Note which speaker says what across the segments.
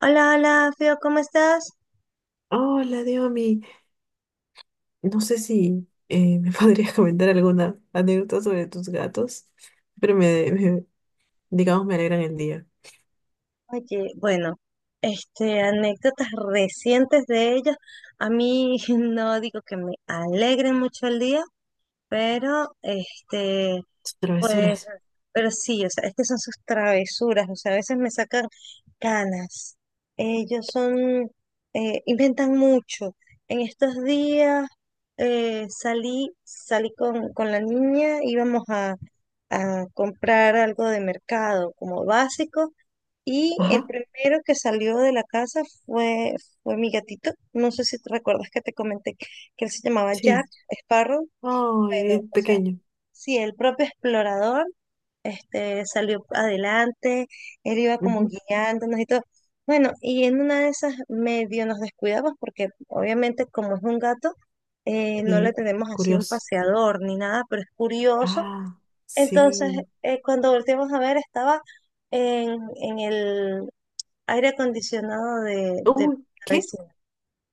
Speaker 1: Hola, hola, Fio, ¿cómo estás?
Speaker 2: Hola, Diomi. No sé si me podrías comentar alguna anécdota sobre tus gatos, pero digamos, me alegran el día.
Speaker 1: Oye, bueno, anécdotas recientes de ellos. A mí no digo que me alegren mucho el día, pero
Speaker 2: Sus
Speaker 1: Pues,
Speaker 2: travesuras.
Speaker 1: pero sí, o sea, es que son sus travesuras, o sea, a veces me sacan canas. Ellos son, inventan mucho. En estos días salí con la niña, íbamos a comprar algo de mercado como básico, y el
Speaker 2: Ajá,
Speaker 1: primero que salió de la casa fue, fue mi gatito. No sé si te recuerdas que te comenté que él se llamaba Jack
Speaker 2: sí.
Speaker 1: Sparrow.
Speaker 2: Ay,
Speaker 1: Bueno,
Speaker 2: el
Speaker 1: o sea,
Speaker 2: pequeño.
Speaker 1: sí, el propio explorador salió adelante, él iba como
Speaker 2: Ujú.
Speaker 1: guiándonos y todo. Bueno, y en una de esas medio nos descuidamos porque obviamente como es un gato, no le
Speaker 2: Sí,
Speaker 1: tenemos así un
Speaker 2: curioso.
Speaker 1: paseador ni nada, pero es curioso.
Speaker 2: Ah,
Speaker 1: Entonces,
Speaker 2: sí.
Speaker 1: cuando volteamos a ver, estaba en el aire acondicionado de
Speaker 2: Uy,
Speaker 1: la
Speaker 2: ¿qué?
Speaker 1: vecina.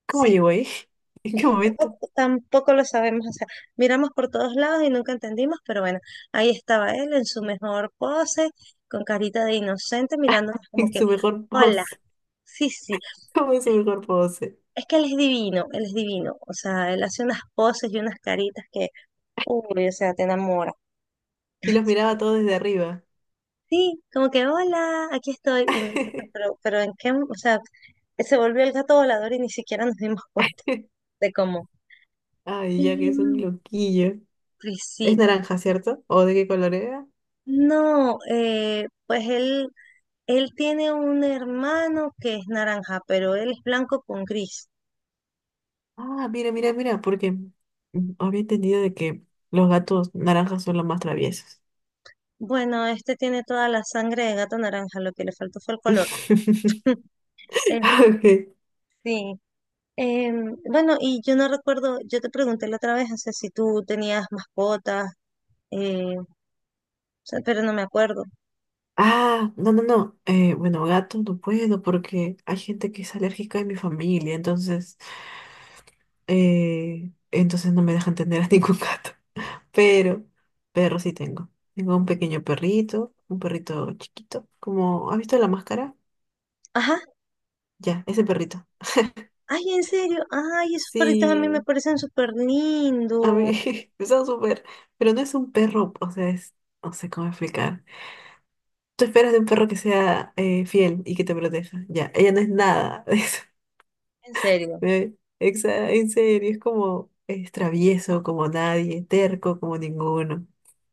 Speaker 2: ¿Cómo
Speaker 1: Sí.
Speaker 2: llegó ahí? ¿En qué momento?
Speaker 1: Tampoco lo sabemos, hacer miramos por todos lados y nunca entendimos, pero bueno, ahí estaba él en su mejor pose, con carita de inocente, mirándonos como
Speaker 2: En
Speaker 1: que,
Speaker 2: su mejor
Speaker 1: hola,
Speaker 2: pose.
Speaker 1: sí, sí,
Speaker 2: ¿Cómo en su mejor pose?
Speaker 1: es que él es divino, o sea, él hace unas poses y unas caritas que, uy, o sea, te enamora.
Speaker 2: Y los miraba
Speaker 1: Sí,
Speaker 2: todos desde arriba.
Speaker 1: sí, como que, hola, aquí estoy, y nosotros, pero en qué, o sea, se volvió el gato volador y ni siquiera nos dimos cuenta de cómo.
Speaker 2: Ay, ya que
Speaker 1: Sí,
Speaker 2: es un loquillo.
Speaker 1: pues
Speaker 2: Es
Speaker 1: sí.
Speaker 2: naranja, ¿cierto? ¿O de qué color era?
Speaker 1: No, pues él tiene un hermano que es naranja, pero él es blanco con gris.
Speaker 2: Ah, mira, mira, mira, porque había entendido de que los gatos naranjas son los más traviesos.
Speaker 1: Bueno, este tiene toda la sangre de gato naranja, lo que le faltó fue el color. Eh,
Speaker 2: Ah, ok.
Speaker 1: sí. Bueno, y yo no recuerdo, yo te pregunté la otra vez, o sea, si tú tenías mascotas, o sea, pero no me acuerdo.
Speaker 2: Ah, no, no, no. Bueno, gatos no puedo porque hay gente que es alérgica en mi familia, entonces, entonces no me dejan tener a ningún gato. Pero perro sí tengo. Tengo un pequeño perrito, un perrito chiquito. Como, ¿has visto la máscara?
Speaker 1: Ajá,
Speaker 2: Ya, ese perrito.
Speaker 1: ay, en serio, ay, esos perritos a mí me
Speaker 2: Sí.
Speaker 1: parecen súper
Speaker 2: A mí
Speaker 1: lindos,
Speaker 2: me está súper, pero no es un perro, o sea, es, no sé cómo explicar. Tú esperas de un perro que sea fiel y que te proteja. Ya, ella no es nada de eso.
Speaker 1: en serio.
Speaker 2: Eh, En serio, es como, es travieso como nadie, terco como ninguno,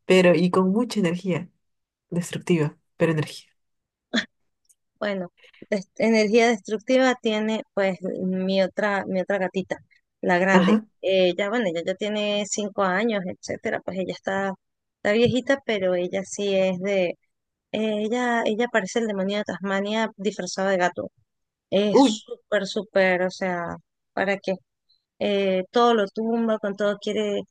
Speaker 2: pero y con mucha energía, destructiva, pero energía.
Speaker 1: Bueno, energía destructiva tiene pues mi otra gatita, la grande.
Speaker 2: Ajá.
Speaker 1: Ya, bueno, ella ya tiene 5 años, etcétera, pues ella está, está viejita, pero ella sí es de, ella parece el demonio de Tasmania disfrazado de gato. Es
Speaker 2: Uy,
Speaker 1: súper, súper, o sea, ¿para qué? Todo lo tumba, con todo quiere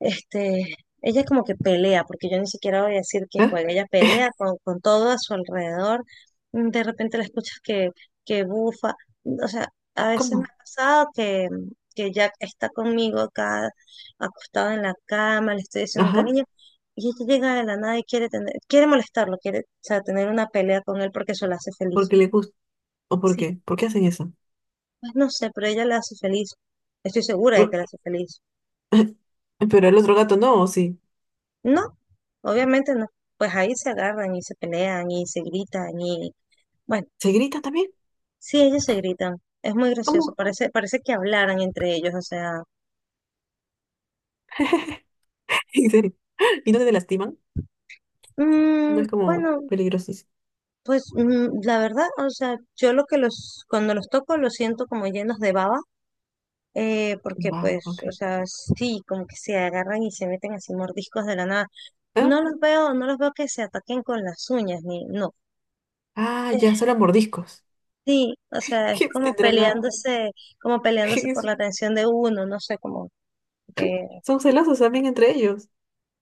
Speaker 1: este, ella como que pelea, porque yo ni siquiera voy a decir que
Speaker 2: ¿eh?
Speaker 1: juega, ella pelea con todo a su alrededor. Mm, de repente la escuchas que bufa. O sea, a veces me
Speaker 2: ¿Cómo?
Speaker 1: ha pasado que Jack está conmigo acá, acostado en la cama, le estoy diciendo un
Speaker 2: Ajá.
Speaker 1: cariño, y ella llega de la nada y quiere tener, quiere molestarlo, quiere, o sea, tener una pelea con él porque eso la hace feliz.
Speaker 2: Porque le gusta. ¿O por
Speaker 1: Sí,
Speaker 2: qué? ¿Por qué hacen eso?
Speaker 1: pues no sé, pero ella le hace feliz. Estoy segura de que la hace feliz.
Speaker 2: Pero el otro gato no, ¿o sí?
Speaker 1: No, obviamente no. Pues ahí se agarran y se pelean y se gritan y bueno,
Speaker 2: ¿Se grita también?
Speaker 1: sí, ellos se gritan. Es muy gracioso.
Speaker 2: ¿Cómo?
Speaker 1: Parece, parece que hablaran entre ellos. O sea,
Speaker 2: En serio. ¿Y no te lastiman? No es como
Speaker 1: bueno,
Speaker 2: peligrosísimo.
Speaker 1: pues la verdad, o sea, yo lo que los, cuando los toco los siento como llenos de baba, porque
Speaker 2: Wow,
Speaker 1: pues, o
Speaker 2: ok.
Speaker 1: sea, sí, como que se agarran y se meten así mordiscos de la nada.
Speaker 2: ¿Ah?
Speaker 1: No los veo, no los veo que se ataquen con las uñas, ni no.
Speaker 2: Ah, ya, solo mordiscos.
Speaker 1: Sí, o sea, es
Speaker 2: ¿Qué tendrán a...?
Speaker 1: como peleándose por
Speaker 2: es-
Speaker 1: la atención de uno, no sé, como que…
Speaker 2: Son celosos también entre ellos.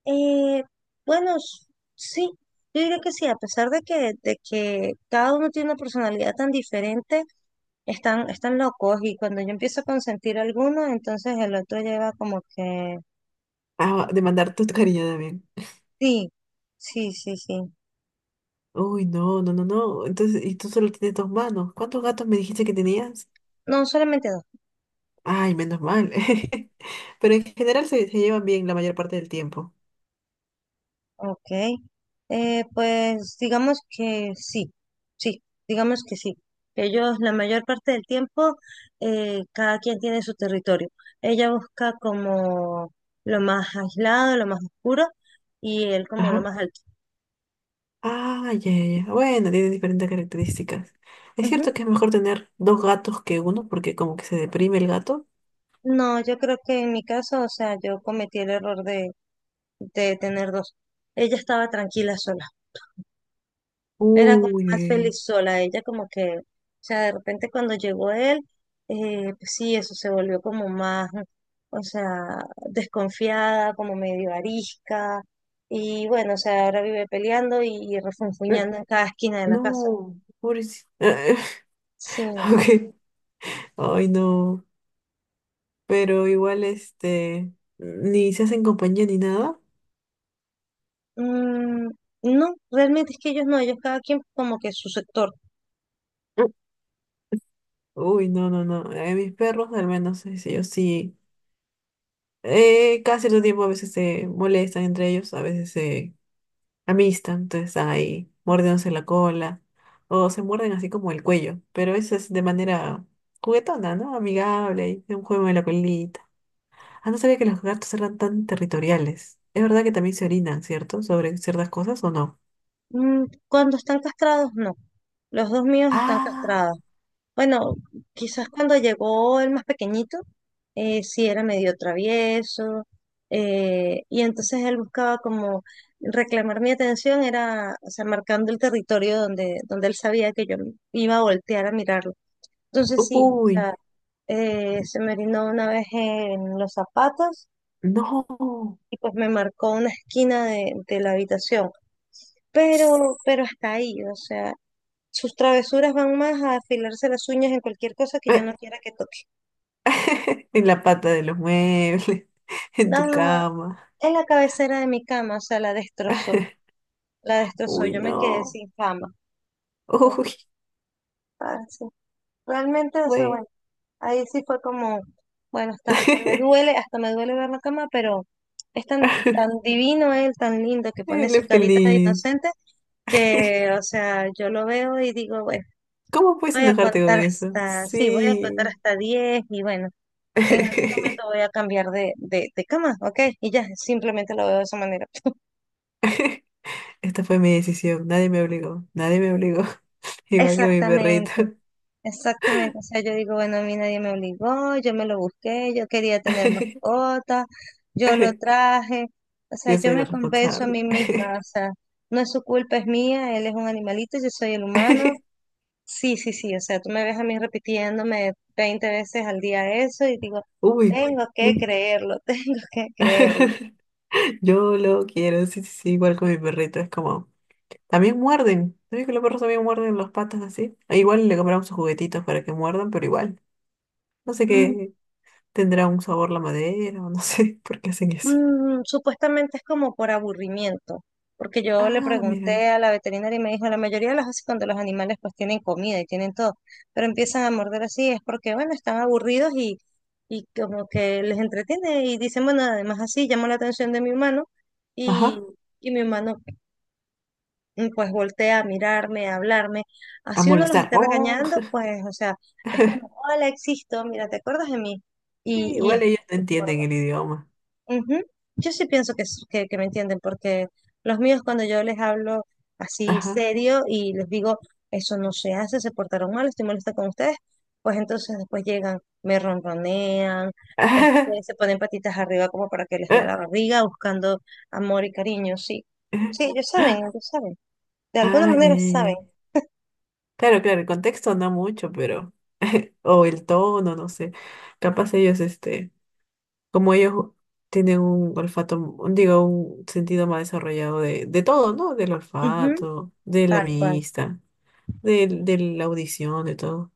Speaker 1: Eh, bueno, sí, yo diría que sí, a pesar de que cada uno tiene una personalidad tan diferente, están, están locos y cuando yo empiezo a consentir a alguno, entonces el otro lleva como que…
Speaker 2: Ah, de mandar tu cariño también.
Speaker 1: Sí, sí, sí, sí.
Speaker 2: Uy, no, no, no, no. Entonces, y tú solo tienes dos manos. ¿Cuántos gatos me dijiste que tenías?
Speaker 1: No, solamente dos.
Speaker 2: Ay, menos mal. Pero en general se llevan bien la mayor parte del tiempo.
Speaker 1: Ok, pues digamos que sí, sí, digamos que sí. Ellos la mayor parte del tiempo, cada quien tiene su territorio. Ella busca como lo más aislado, lo más oscuro y él como lo
Speaker 2: Ajá.
Speaker 1: más alto.
Speaker 2: Ah, ya, ya. Ya. Bueno, tiene diferentes características. Es
Speaker 1: Ujú.
Speaker 2: cierto que es mejor tener dos gatos que uno, porque como que se deprime el gato.
Speaker 1: No, yo creo que en mi caso, o sea, yo cometí el error de tener dos. Ella estaba tranquila sola.
Speaker 2: Uy,
Speaker 1: Era como
Speaker 2: uy,
Speaker 1: más
Speaker 2: uy.
Speaker 1: feliz sola. Ella como que, o sea, de repente cuando llegó él, pues sí, eso se volvió como más, o sea, desconfiada, como medio arisca. Y bueno, o sea, ahora vive peleando y
Speaker 2: Mm.
Speaker 1: refunfuñando en cada esquina de la casa.
Speaker 2: No, pobrecito.
Speaker 1: Sí.
Speaker 2: Ok. Ay, no. Pero igual, este, ni se hacen compañía ni nada.
Speaker 1: Mm, no, realmente es que ellos no, ellos cada quien como que su sector.
Speaker 2: Mm. Uy, no, no, no. Mis perros, al menos, ellos sí. Cada cierto tiempo a veces se molestan entre ellos, a veces se amistad, entonces ahí mordiéndose la cola o se muerden así como el cuello, pero eso es de manera juguetona, ¿no? Amigable, y de un juego de la colita. Ah, no sabía que los gatos eran tan territoriales. Es verdad que también se orinan, ¿cierto? Sobre ciertas cosas o no.
Speaker 1: Mm, cuando están castrados, no. Los dos míos están
Speaker 2: Ah,
Speaker 1: castrados. Bueno, quizás cuando llegó el más pequeñito, sí era medio travieso, y entonces él buscaba como reclamar mi atención, era, o sea, marcando el territorio donde, donde él sabía que yo iba a voltear a mirarlo. Entonces sí, o
Speaker 2: uy,
Speaker 1: sea, se me orinó una vez en los zapatos
Speaker 2: no.
Speaker 1: y pues me marcó una esquina de la habitación, pero hasta ahí, o sea, sus travesuras van más a afilarse las uñas en cualquier cosa que yo
Speaker 2: Eh,
Speaker 1: no quiera que toque.
Speaker 2: en la pata de los muebles, en tu
Speaker 1: Ah,
Speaker 2: cama.
Speaker 1: en la cabecera de mi cama, o sea, la destrozó,
Speaker 2: Uy,
Speaker 1: yo me quedé
Speaker 2: no.
Speaker 1: sin cama.
Speaker 2: Uy,
Speaker 1: Ah, sí. Realmente, o sea, bueno,
Speaker 2: güey.
Speaker 1: ahí sí fue como, bueno, hasta, hasta me duele ver la cama, pero es tan, tan divino él, tan lindo, que pone
Speaker 2: Él
Speaker 1: su
Speaker 2: es
Speaker 1: carita de
Speaker 2: feliz.
Speaker 1: inocente, que, o sea, yo lo veo y digo, bueno,
Speaker 2: ¿Cómo puedes
Speaker 1: voy a
Speaker 2: enojarte con
Speaker 1: contar
Speaker 2: eso?
Speaker 1: hasta, sí, voy a contar
Speaker 2: Sí.
Speaker 1: hasta 10 y bueno, en algún momento voy a cambiar de cama, ¿ok? Y ya, simplemente lo veo de esa manera.
Speaker 2: Esta fue mi decisión. Nadie me obligó. Nadie me obligó. Igual con mi perrito.
Speaker 1: Exactamente. Exactamente, o sea, yo digo, bueno, a mí nadie me obligó, yo me lo busqué, yo quería tener mascota, yo lo traje, o sea,
Speaker 2: Yo
Speaker 1: yo
Speaker 2: soy la
Speaker 1: me convenzo a
Speaker 2: responsable.
Speaker 1: mí misma, o sea, no es su culpa, es mía, él es un animalito, yo soy el humano, sí, sí, sí, o sea, tú me ves a mí repitiéndome 20 veces al día eso y digo,
Speaker 2: Uy,
Speaker 1: tengo que
Speaker 2: no.
Speaker 1: creerlo, tengo que creerlo.
Speaker 2: Yo lo quiero. Sí, sí, sí. Igual con mi perrito. Es como. También muerden. ¿Sabes que los perros también muerden las patas así? E igual le compramos sus juguetitos para que muerdan, pero igual. No sé qué tendrá un sabor la madera o no sé por qué hacen eso.
Speaker 1: Mm, supuestamente es como por aburrimiento, porque yo le
Speaker 2: Ah, mira.
Speaker 1: pregunté a la veterinaria y me dijo, la mayoría de las veces cuando los animales pues tienen comida y tienen todo, pero empiezan a morder así, es porque bueno, están aburridos y como que les entretiene y dicen, bueno, además así llama la atención de mi humano y,
Speaker 2: Ajá.
Speaker 1: y mi humano pues voltea a mirarme, a hablarme,
Speaker 2: A
Speaker 1: así uno los
Speaker 2: molestar.
Speaker 1: esté
Speaker 2: Oh,
Speaker 1: regañando, pues o sea, es como, hola, existo, mira, ¿te acuerdas de mí? Y es
Speaker 2: igual ellos no entienden el idioma.
Speaker 1: ujú. Yo sí pienso que, que me entienden, porque los míos cuando yo les hablo así
Speaker 2: Ajá.
Speaker 1: serio y les digo, eso no se hace, se portaron mal, estoy molesta con ustedes, pues entonces después llegan, me ronronean, se ponen patitas arriba como para que les vea la barriga, buscando amor y cariño, sí. Sí, ellos saben, ellos saben. De alguna
Speaker 2: Ah, ya,
Speaker 1: manera
Speaker 2: ya,
Speaker 1: saben.
Speaker 2: ya. Claro, claro, el contexto no mucho, pero. O el tono, no sé. Capaz ellos, este, como ellos tienen un olfato, digo, un sentido más desarrollado de todo, ¿no? Del
Speaker 1: Ujú,
Speaker 2: olfato, de la
Speaker 1: tal cual,
Speaker 2: vista, de, la audición, de todo.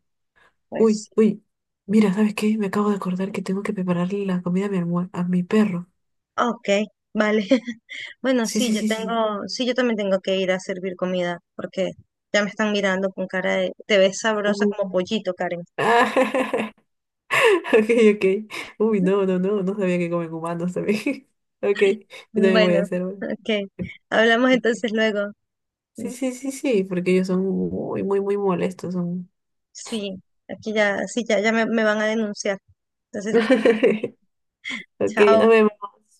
Speaker 2: Uy,
Speaker 1: pues.
Speaker 2: uy. Mira, ¿sabes qué? Me acabo de acordar que tengo que prepararle la comida a mi a mi perro.
Speaker 1: Ok, vale. Bueno,
Speaker 2: Sí,
Speaker 1: sí,
Speaker 2: sí,
Speaker 1: yo
Speaker 2: sí, sí.
Speaker 1: tengo, sí, yo también tengo que ir a servir comida porque ya me están mirando con cara de, te ves sabrosa como
Speaker 2: Uh.
Speaker 1: pollito, Karen.
Speaker 2: Ah, ok, ok. Uy, no, no, no, no sabía que comen humanos también. Ok, yo
Speaker 1: Ujú.
Speaker 2: también voy a
Speaker 1: Bueno,
Speaker 2: hacer una.
Speaker 1: ok. Hablamos
Speaker 2: ¿Por qué?
Speaker 1: entonces luego.
Speaker 2: Sí, sí, sí, sí, porque ellos son muy, muy, muy molestos. Son...
Speaker 1: Sí, aquí ya, sí, ya, ya me van a denunciar. Entonces,
Speaker 2: Ok,
Speaker 1: chao.
Speaker 2: nos vemos.